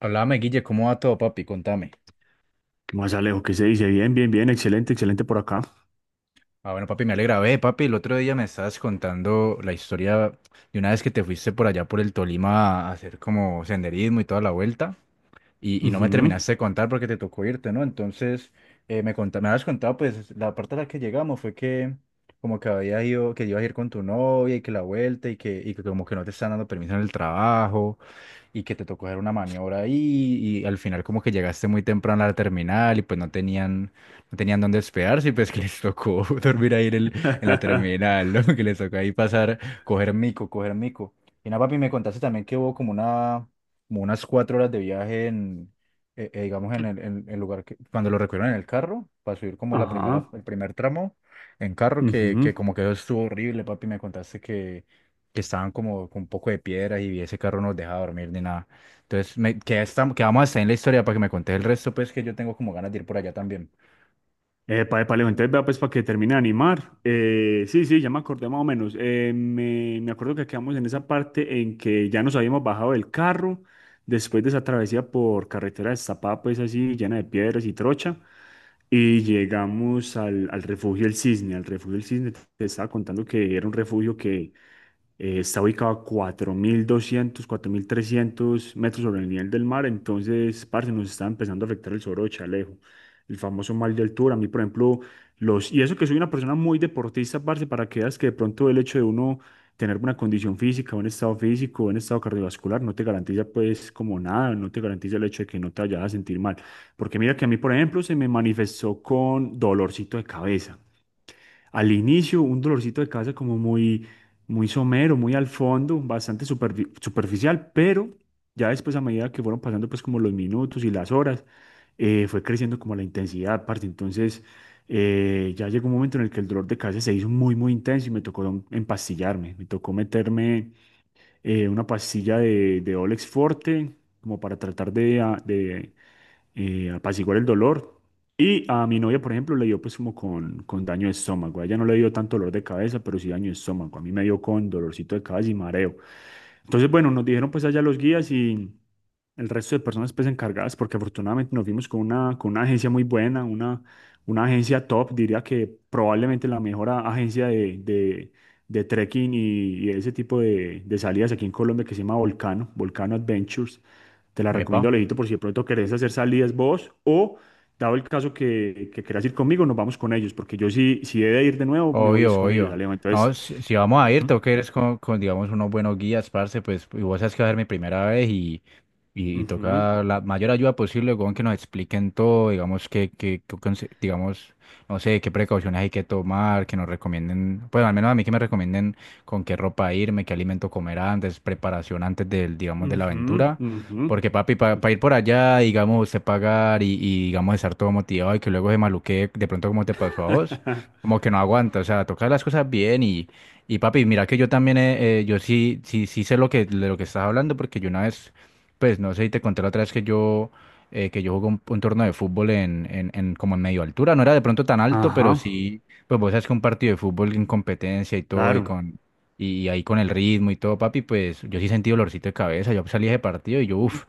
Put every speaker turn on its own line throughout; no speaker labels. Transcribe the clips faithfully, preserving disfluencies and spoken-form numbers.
Hablame Guille, ¿cómo va todo, papi? Contame.
Más Alejo, ¿qué se dice? Bien, bien, bien, excelente, excelente por acá.
Ah, bueno, papi, me alegra. Ve, papi, el otro día me estabas contando la historia de una vez que te fuiste por allá por el Tolima a hacer como senderismo y toda la vuelta, y, y no me
Ujú.
terminaste de contar porque te tocó irte, ¿no? Entonces, eh, me conta- me habías contado, pues, la parte a la que llegamos fue que como que había ido, que ibas a ir con tu novia y que la vuelta y que, y que como que no te están dando permiso en el trabajo. Y que te tocó hacer una maniobra ahí y al final como que llegaste muy temprano a la terminal y pues no tenían, no tenían dónde hospedarse y pues que les tocó dormir ahí en, el- en la terminal, ¿no? Que les tocó ahí pasar, coger mico, coger mico. Y nada, papi, me contaste también que hubo como una, como unas cuatro horas de viaje en, eh, eh, digamos, en el, en el lugar que, cuando lo recogieron en el carro, para subir como la primera,
Ajá.
el primer tramo en carro, que, que
Ujú.
como que eso estuvo horrible, papi, me contaste que que estaban como con un poco de piedras y ese carro no nos dejaba dormir ni nada. Entonces, me, que, esta- que vamos a estar en la historia para que me contes el resto, pues que yo tengo como ganas de ir por allá también.
Epa, epa, Leo, entonces vea pues para que termine de animar. Eh, sí, sí, ya me acordé más o menos. Eh, me, me acuerdo que quedamos en esa parte en que ya nos habíamos bajado del carro después de esa travesía por carretera destapada, pues así llena de piedras y trocha, y llegamos al, al refugio del Cisne. Al refugio del Cisne te estaba contando que era un refugio que eh, está ubicado a cuatro mil doscientos, cuatro mil trescientos metros sobre el nivel del mar. Entonces, parce, nos está empezando a afectar el soro de Chalejo, el famoso mal de altura. A mí, por ejemplo, los, y eso que soy una persona muy deportista, parce, para que veas que de pronto el hecho de uno tener una condición física, un estado físico, un estado cardiovascular, no te garantiza pues como nada, no te garantiza el hecho de que no te vayas a sentir mal. Porque mira que a mí, por ejemplo, se me manifestó con dolorcito de cabeza al inicio, un dolorcito de cabeza como muy, muy somero, muy al fondo, bastante superfi- superficial. Pero ya después, a medida que fueron pasando pues como los minutos y las horas, eh, fue creciendo como la intensidad, parte. Entonces, eh, ya llegó un momento en el que el dolor de cabeza se hizo muy, muy intenso y me tocó empastillarme, me tocó meterme eh, una pastilla de, de Olex Forte, como para tratar de, a- de, eh, apaciguar el dolor. Y a mi novia, por ejemplo, le dio pues como con, con daño de estómago. A ella no le dio tanto dolor de cabeza, pero sí daño de estómago. A mí me dio con dolorcito de cabeza y mareo. Entonces, bueno, nos dijeron pues allá los guías y el resto de personas pues encargadas, porque afortunadamente nos vimos con una, con una agencia muy buena, una, una agencia top, diría que probablemente la mejor a- agencia de, de trekking y, y ese tipo de, de salidas aquí en Colombia, que se llama Volcano, Volcano Adventures. Te la
Epa.
recomiendo, Alejito, por si de pronto querés hacer salidas vos, o dado el caso que, que quieras ir conmigo, nos vamos con ellos, porque yo sí, si he de ir de nuevo, me voy es
Obvio,
con ellos,
obvio.
Alejo.
No,
Entonces,
si, si vamos a ir, tengo que ir es con, con, digamos, unos buenos guías, parce, pues, y vos sabes que va a ser mi primera vez y, y, y
ujú, ujú,
toca la mayor ayuda posible, con que nos expliquen todo, digamos, que, que, que conse- digamos, no sé, qué precauciones hay que tomar, que nos recomienden, pues, al menos a mí que me recomienden con qué ropa irme, qué alimento comer antes, preparación antes del, digamos, de la
ujú,
aventura.
ujú.
Porque papi, para ir por allá, digamos, usted pagar y, y, digamos estar todo motivado y que luego se maluquee de pronto como te pasó a vos. Como que no aguanta, o sea, tocar las cosas bien y, y papi, mira que yo también, eh, eh, yo sí, sí, sí sé lo que, de lo que estás hablando, porque yo una vez, pues no sé si te conté la otra vez que yo, eh, que yo jugué un, un torneo de fútbol en, en, en como en medio altura, no era de pronto tan alto,
Ajá,
pero sí, pues vos sabes que un partido de fútbol en competencia y todo, y
claro,
con, y ahí con el ritmo y todo, papi, pues yo sí sentí dolorcito de cabeza, yo salí de ese partido y yo, uff.
ujú,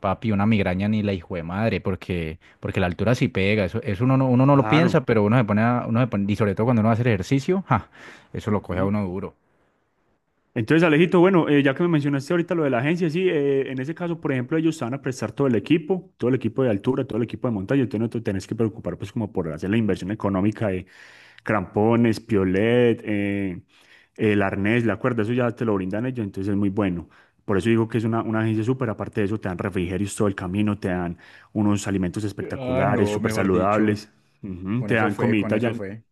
Papi, una migraña ni la hijo de madre, porque, porque la altura sí pega, eso, eso uno no, uno no lo piensa,
claro.
pero uno se pone a- uno se pone, y sobre todo cuando uno va a hacer ejercicio, ja, eso lo coge a
Ujú.
uno duro.
Entonces, Alejito, bueno, eh, ya que me mencionaste ahorita lo de la agencia, sí, eh, en ese caso, por ejemplo, ellos te van a prestar todo el equipo, todo el equipo de altura, todo el equipo de montaña, entonces no te tenés que preocupar pues como por hacer la inversión económica de crampones, piolet, eh, el arnés, la cuerda. Eso ya te lo brindan ellos, entonces es muy bueno. Por eso digo que es una, una agencia súper. Aparte de eso, te dan refrigerios todo el camino, te dan unos alimentos
Ah,
espectaculares,
no,
súper
mejor dicho.
saludables, ujú,
Con
te
eso
dan
fue, con
comidita
eso
ya,
fue.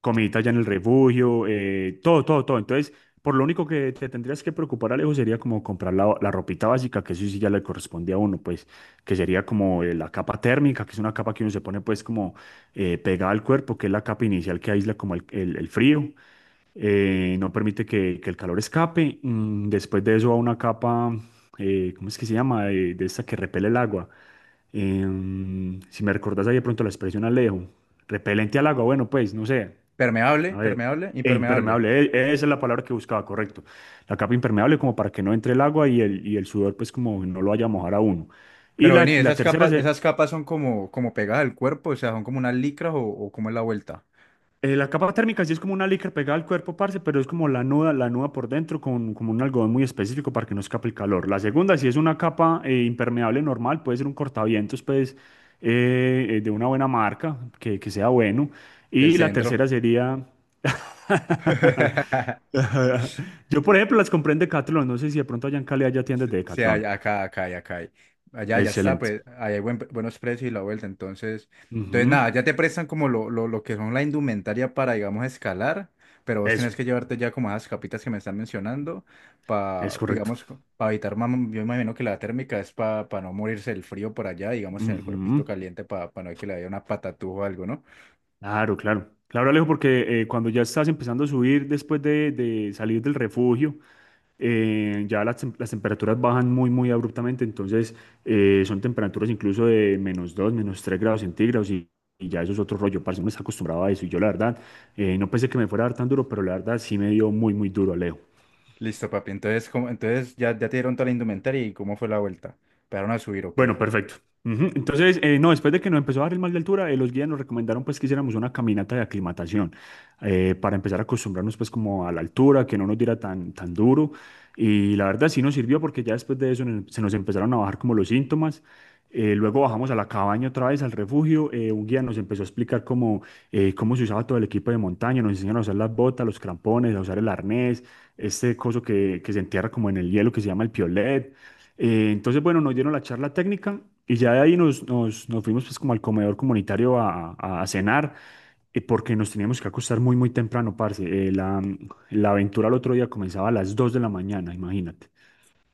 comidita allá en el refugio. Eh, todo, todo, todo. Entonces, por lo único que te tendrías que preocupar, Alejo, sería como comprar la, la ropita básica, que eso sí ya le corresponde a uno, pues. Que sería como eh, la capa térmica, que es una capa que uno se pone pues como eh, pegada al cuerpo, que es la capa inicial que aísla como el, el- el frío. Eh, no permite que, que el calor escape. Mm, después de eso va una capa, eh, ¿cómo es que se llama? Eh, de esta que repele el agua. Em, si me recordás ahí de pronto la expresión, Alejo, repelente al agua, bueno, pues, no sé.
Permeable,
A ver,
permeable,
e
impermeable.
impermeable, e- e, esa es la palabra que buscaba, correcto. La capa impermeable como para que no entre el agua, y el, y el sudor pues como no lo vaya a mojar a uno. Y
Pero vení,
la, la
esas
tercera es,
capas,
eh,
esas capas son como, como pegadas al cuerpo, o sea, son como unas licras o, o como es la vuelta
la capa térmica sí es como una licra pegada al cuerpo, parce, pero es como la nuda, la nuda por dentro, con como un algodón muy específico para que no escape el calor. La segunda sí es una capa eh, impermeable normal, puede ser un cortavientos, pues eh, eh, de una buena marca, que, que sea bueno.
del
Y la
centro.
tercera sería... Ajá. Yo, por ejemplo, las compré en Decathlon. No sé si de pronto allá en Cali haya tiendas de
Sí,
Decathlon.
allá- acá, acá, y acá. Hay. Allá ya está,
Excelente.
pues ahí hay buen- buenos precios y la vuelta. Entonces, entonces
Ujú.
nada, ya te prestan como lo, lo, lo que son la indumentaria para, digamos, escalar, pero vos tenés
Eso,
que llevarte ya como esas capitas que me están mencionando
es
para,
correcto.
digamos, para evitar, mam- yo imagino que la térmica es para no morirse del frío por allá, digamos, en el cuerpito
Ujú.
caliente para no que le dé una patatúa o algo, ¿no?
Claro, claro. Claro, Alejo, porque eh, cuando ya estás empezando a subir después de, de salir del refugio, eh, ya las, tem- las temperaturas bajan muy, muy abruptamente. Entonces, eh, son temperaturas incluso de menos dos, menos tres grados centígrados, y, y ya eso es otro rollo. Parce, uno está acostumbrado a eso. Y yo, la verdad, eh, no pensé que me fuera a dar tan duro, pero la verdad sí me dio muy, muy duro, Alejo.
Listo, papi. Entonces, como entonces ya, ya te dieron toda la indumentaria y cómo fue la vuelta. ¿Pegaron a subir o
Bueno,
qué?
perfecto. Ujú. Entonces, eh, no, después de que nos empezó a dar el mal de altura, eh, los guías nos recomendaron pues que hiciéramos una caminata de aclimatación, eh, para empezar a acostumbrarnos pues como a la altura, que no nos diera tan, tan duro. Y la verdad sí nos sirvió porque ya después de eso nos- se nos empezaron a bajar como los síntomas. Eh, luego bajamos a la cabaña otra vez, al refugio. Eh, un guía nos empezó a explicar cómo, eh, cómo se usaba todo el equipo de montaña. Nos enseñaron a usar las botas, los crampones, a usar el arnés, este coso que, que se entierra como en el hielo, que se llama el piolet. Eh, entonces, bueno, nos dieron la charla técnica, y ya de ahí nos, nos, nos fuimos pues como al comedor comunitario a, a- a cenar, eh, porque nos teníamos que acostar muy, muy temprano, parce. Eh, la, la aventura al otro día comenzaba a las dos de la mañana, imagínate.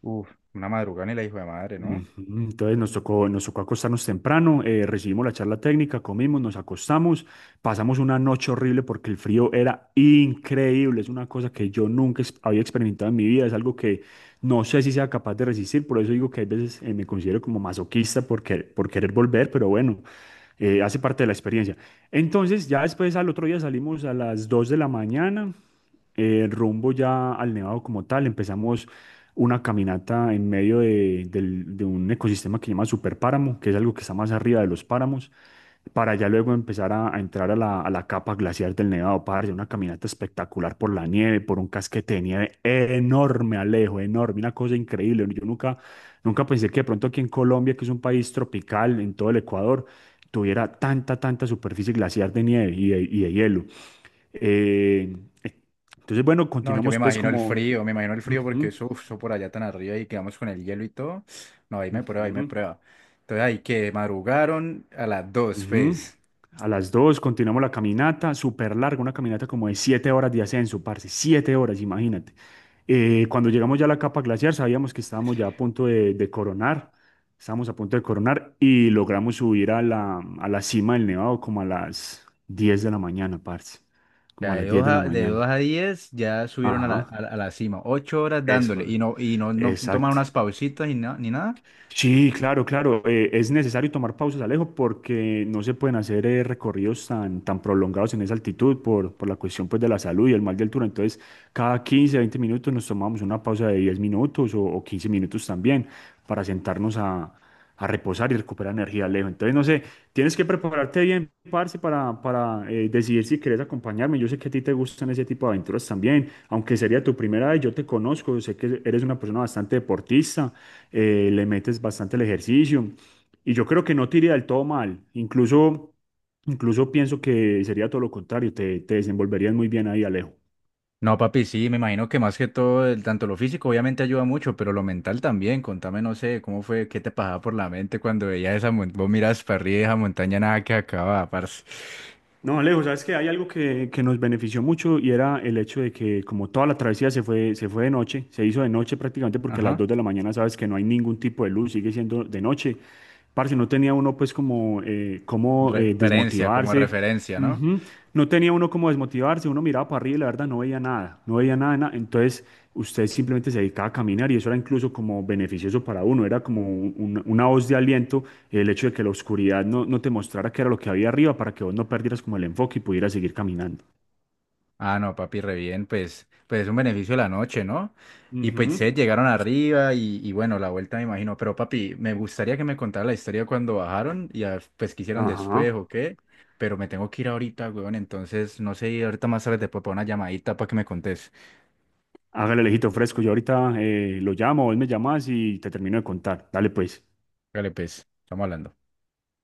Uf, una madrugada y la hijo de madre,
Ujú.
¿no?
Entonces nos tocó, nos tocó acostarnos temprano, eh, recibimos la charla técnica, comimos, nos acostamos. Pasamos una noche horrible porque el frío era increíble, es una cosa que yo nunca ex- había experimentado en mi vida, es algo que no sé si sea capaz de resistir. Por eso digo que hay veces eh, me considero como masoquista por quer- por querer volver, pero bueno, eh, hace parte de la experiencia. Entonces ya después, al otro día, salimos a las dos de la mañana, eh, rumbo ya al Nevado como tal. Empezamos una caminata en medio de, del- de un ecosistema que se llama superpáramo, que es algo que está más arriba de los páramos, para ya luego empezar a, a entrar a la, a la capa glaciar del Nevado, parce, una caminata espectacular por la nieve, por un casquete de nieve enorme, Alejo, enorme, una cosa increíble. Yo nunca, nunca pensé que de pronto aquí en Colombia, que es un país tropical, en todo el Ecuador, tuviera tanta, tanta superficie glaciar de nieve y de, y de hielo. Eh, entonces, bueno,
No, yo me
continuamos pues
imagino el
como...
frío, me imagino el frío porque
Ujú,
eso, uf, eso por allá tan arriba y quedamos con el hielo y todo. No, ahí me prueba, ahí me
ujú.
prueba. Entonces ahí que madrugaron a las dos,
Ujú.
pues.
A las dos continuamos la caminata, súper larga, una caminata como de siete horas de ascenso, parce. Siete horas, imagínate. Eh, cuando llegamos ya a la capa glaciar, sabíamos que estábamos ya a punto de, de coronar, estábamos a punto de coronar, y logramos subir a la, a la cima del nevado como a las diez de la mañana, parce, como
Ya
a
de
las
dos
diez de la
a, de dos
mañana.
a diez ya subieron a la, a
Ajá,
la- a la cima. Ocho horas dándole
eso,
y no, y no, no toman
exacto.
unas pausitas y na- ni nada.
Sí, claro, claro. eh, es necesario tomar pausas, Alejo, porque no se pueden hacer eh, recorridos tan, tan prolongados en esa altitud por, por la cuestión, pues, de la salud y el mal de altura. Entonces, cada quince, veinte minutos nos tomamos una pausa de diez minutos o, o quince minutos también, para sentarnos a, a reposar y recuperar energía, Alejo. Entonces, no sé, tienes que prepararte bien, parce, para, para eh, decidir si quieres acompañarme. Yo sé que a ti te gustan ese tipo de aventuras también, aunque sería tu primera vez. Yo te conozco, sé que eres una persona bastante deportista, eh, le metes bastante el ejercicio, y yo creo que no te iría del todo mal. Incluso, incluso pienso que sería todo lo contrario, te, te desenvolverías muy bien ahí, Alejo.
No, papi, sí, me imagino que más que todo, el- tanto lo físico obviamente ayuda mucho, pero lo mental también. Contame, no sé, cómo fue, qué te pasaba por la mente cuando veías esa montaña, vos miras para arriba y esa montaña nada que acababa, parce.
No, Alejo, sabes que hay algo que, que nos benefició mucho, y era el hecho de que como toda la travesía se fue, se fue de noche, se hizo de noche prácticamente, porque a las
Ajá.
dos de la mañana sabes que no hay ningún tipo de luz, sigue siendo de noche. Parce, no tenía uno pues como eh, cómo eh,
Referencia, como
desmotivarse.
referencia, ¿no?
Ujú. No tenía uno como desmotivarse, uno miraba para arriba y la verdad no veía nada, no veía nada, nada. Entonces usted simplemente se dedicaba a caminar, y eso era incluso como beneficioso para uno, era como un- un- una voz de aliento, el hecho de que la oscuridad no, no te mostrara qué era lo que había arriba, para que vos no perdieras como el enfoque y pudieras seguir caminando.
Ah, no, papi, re bien, pues, pues es un beneficio de la noche, ¿no? Y pues ustedes
Ujú.
llegaron arriba y, y bueno, la vuelta me imagino, pero papi, me gustaría que me contara la historia cuando bajaron y a- pues qué hicieron después
Ajá.
o qué, pero me tengo que ir ahorita, weón, entonces no sé, ahorita más tarde te puedo poner una llamadita para que me contes.
Hágale, lejito fresco, yo ahorita eh, lo llamo, vos me llamas y te termino de contar. Dale pues.
Dale, pues, estamos hablando.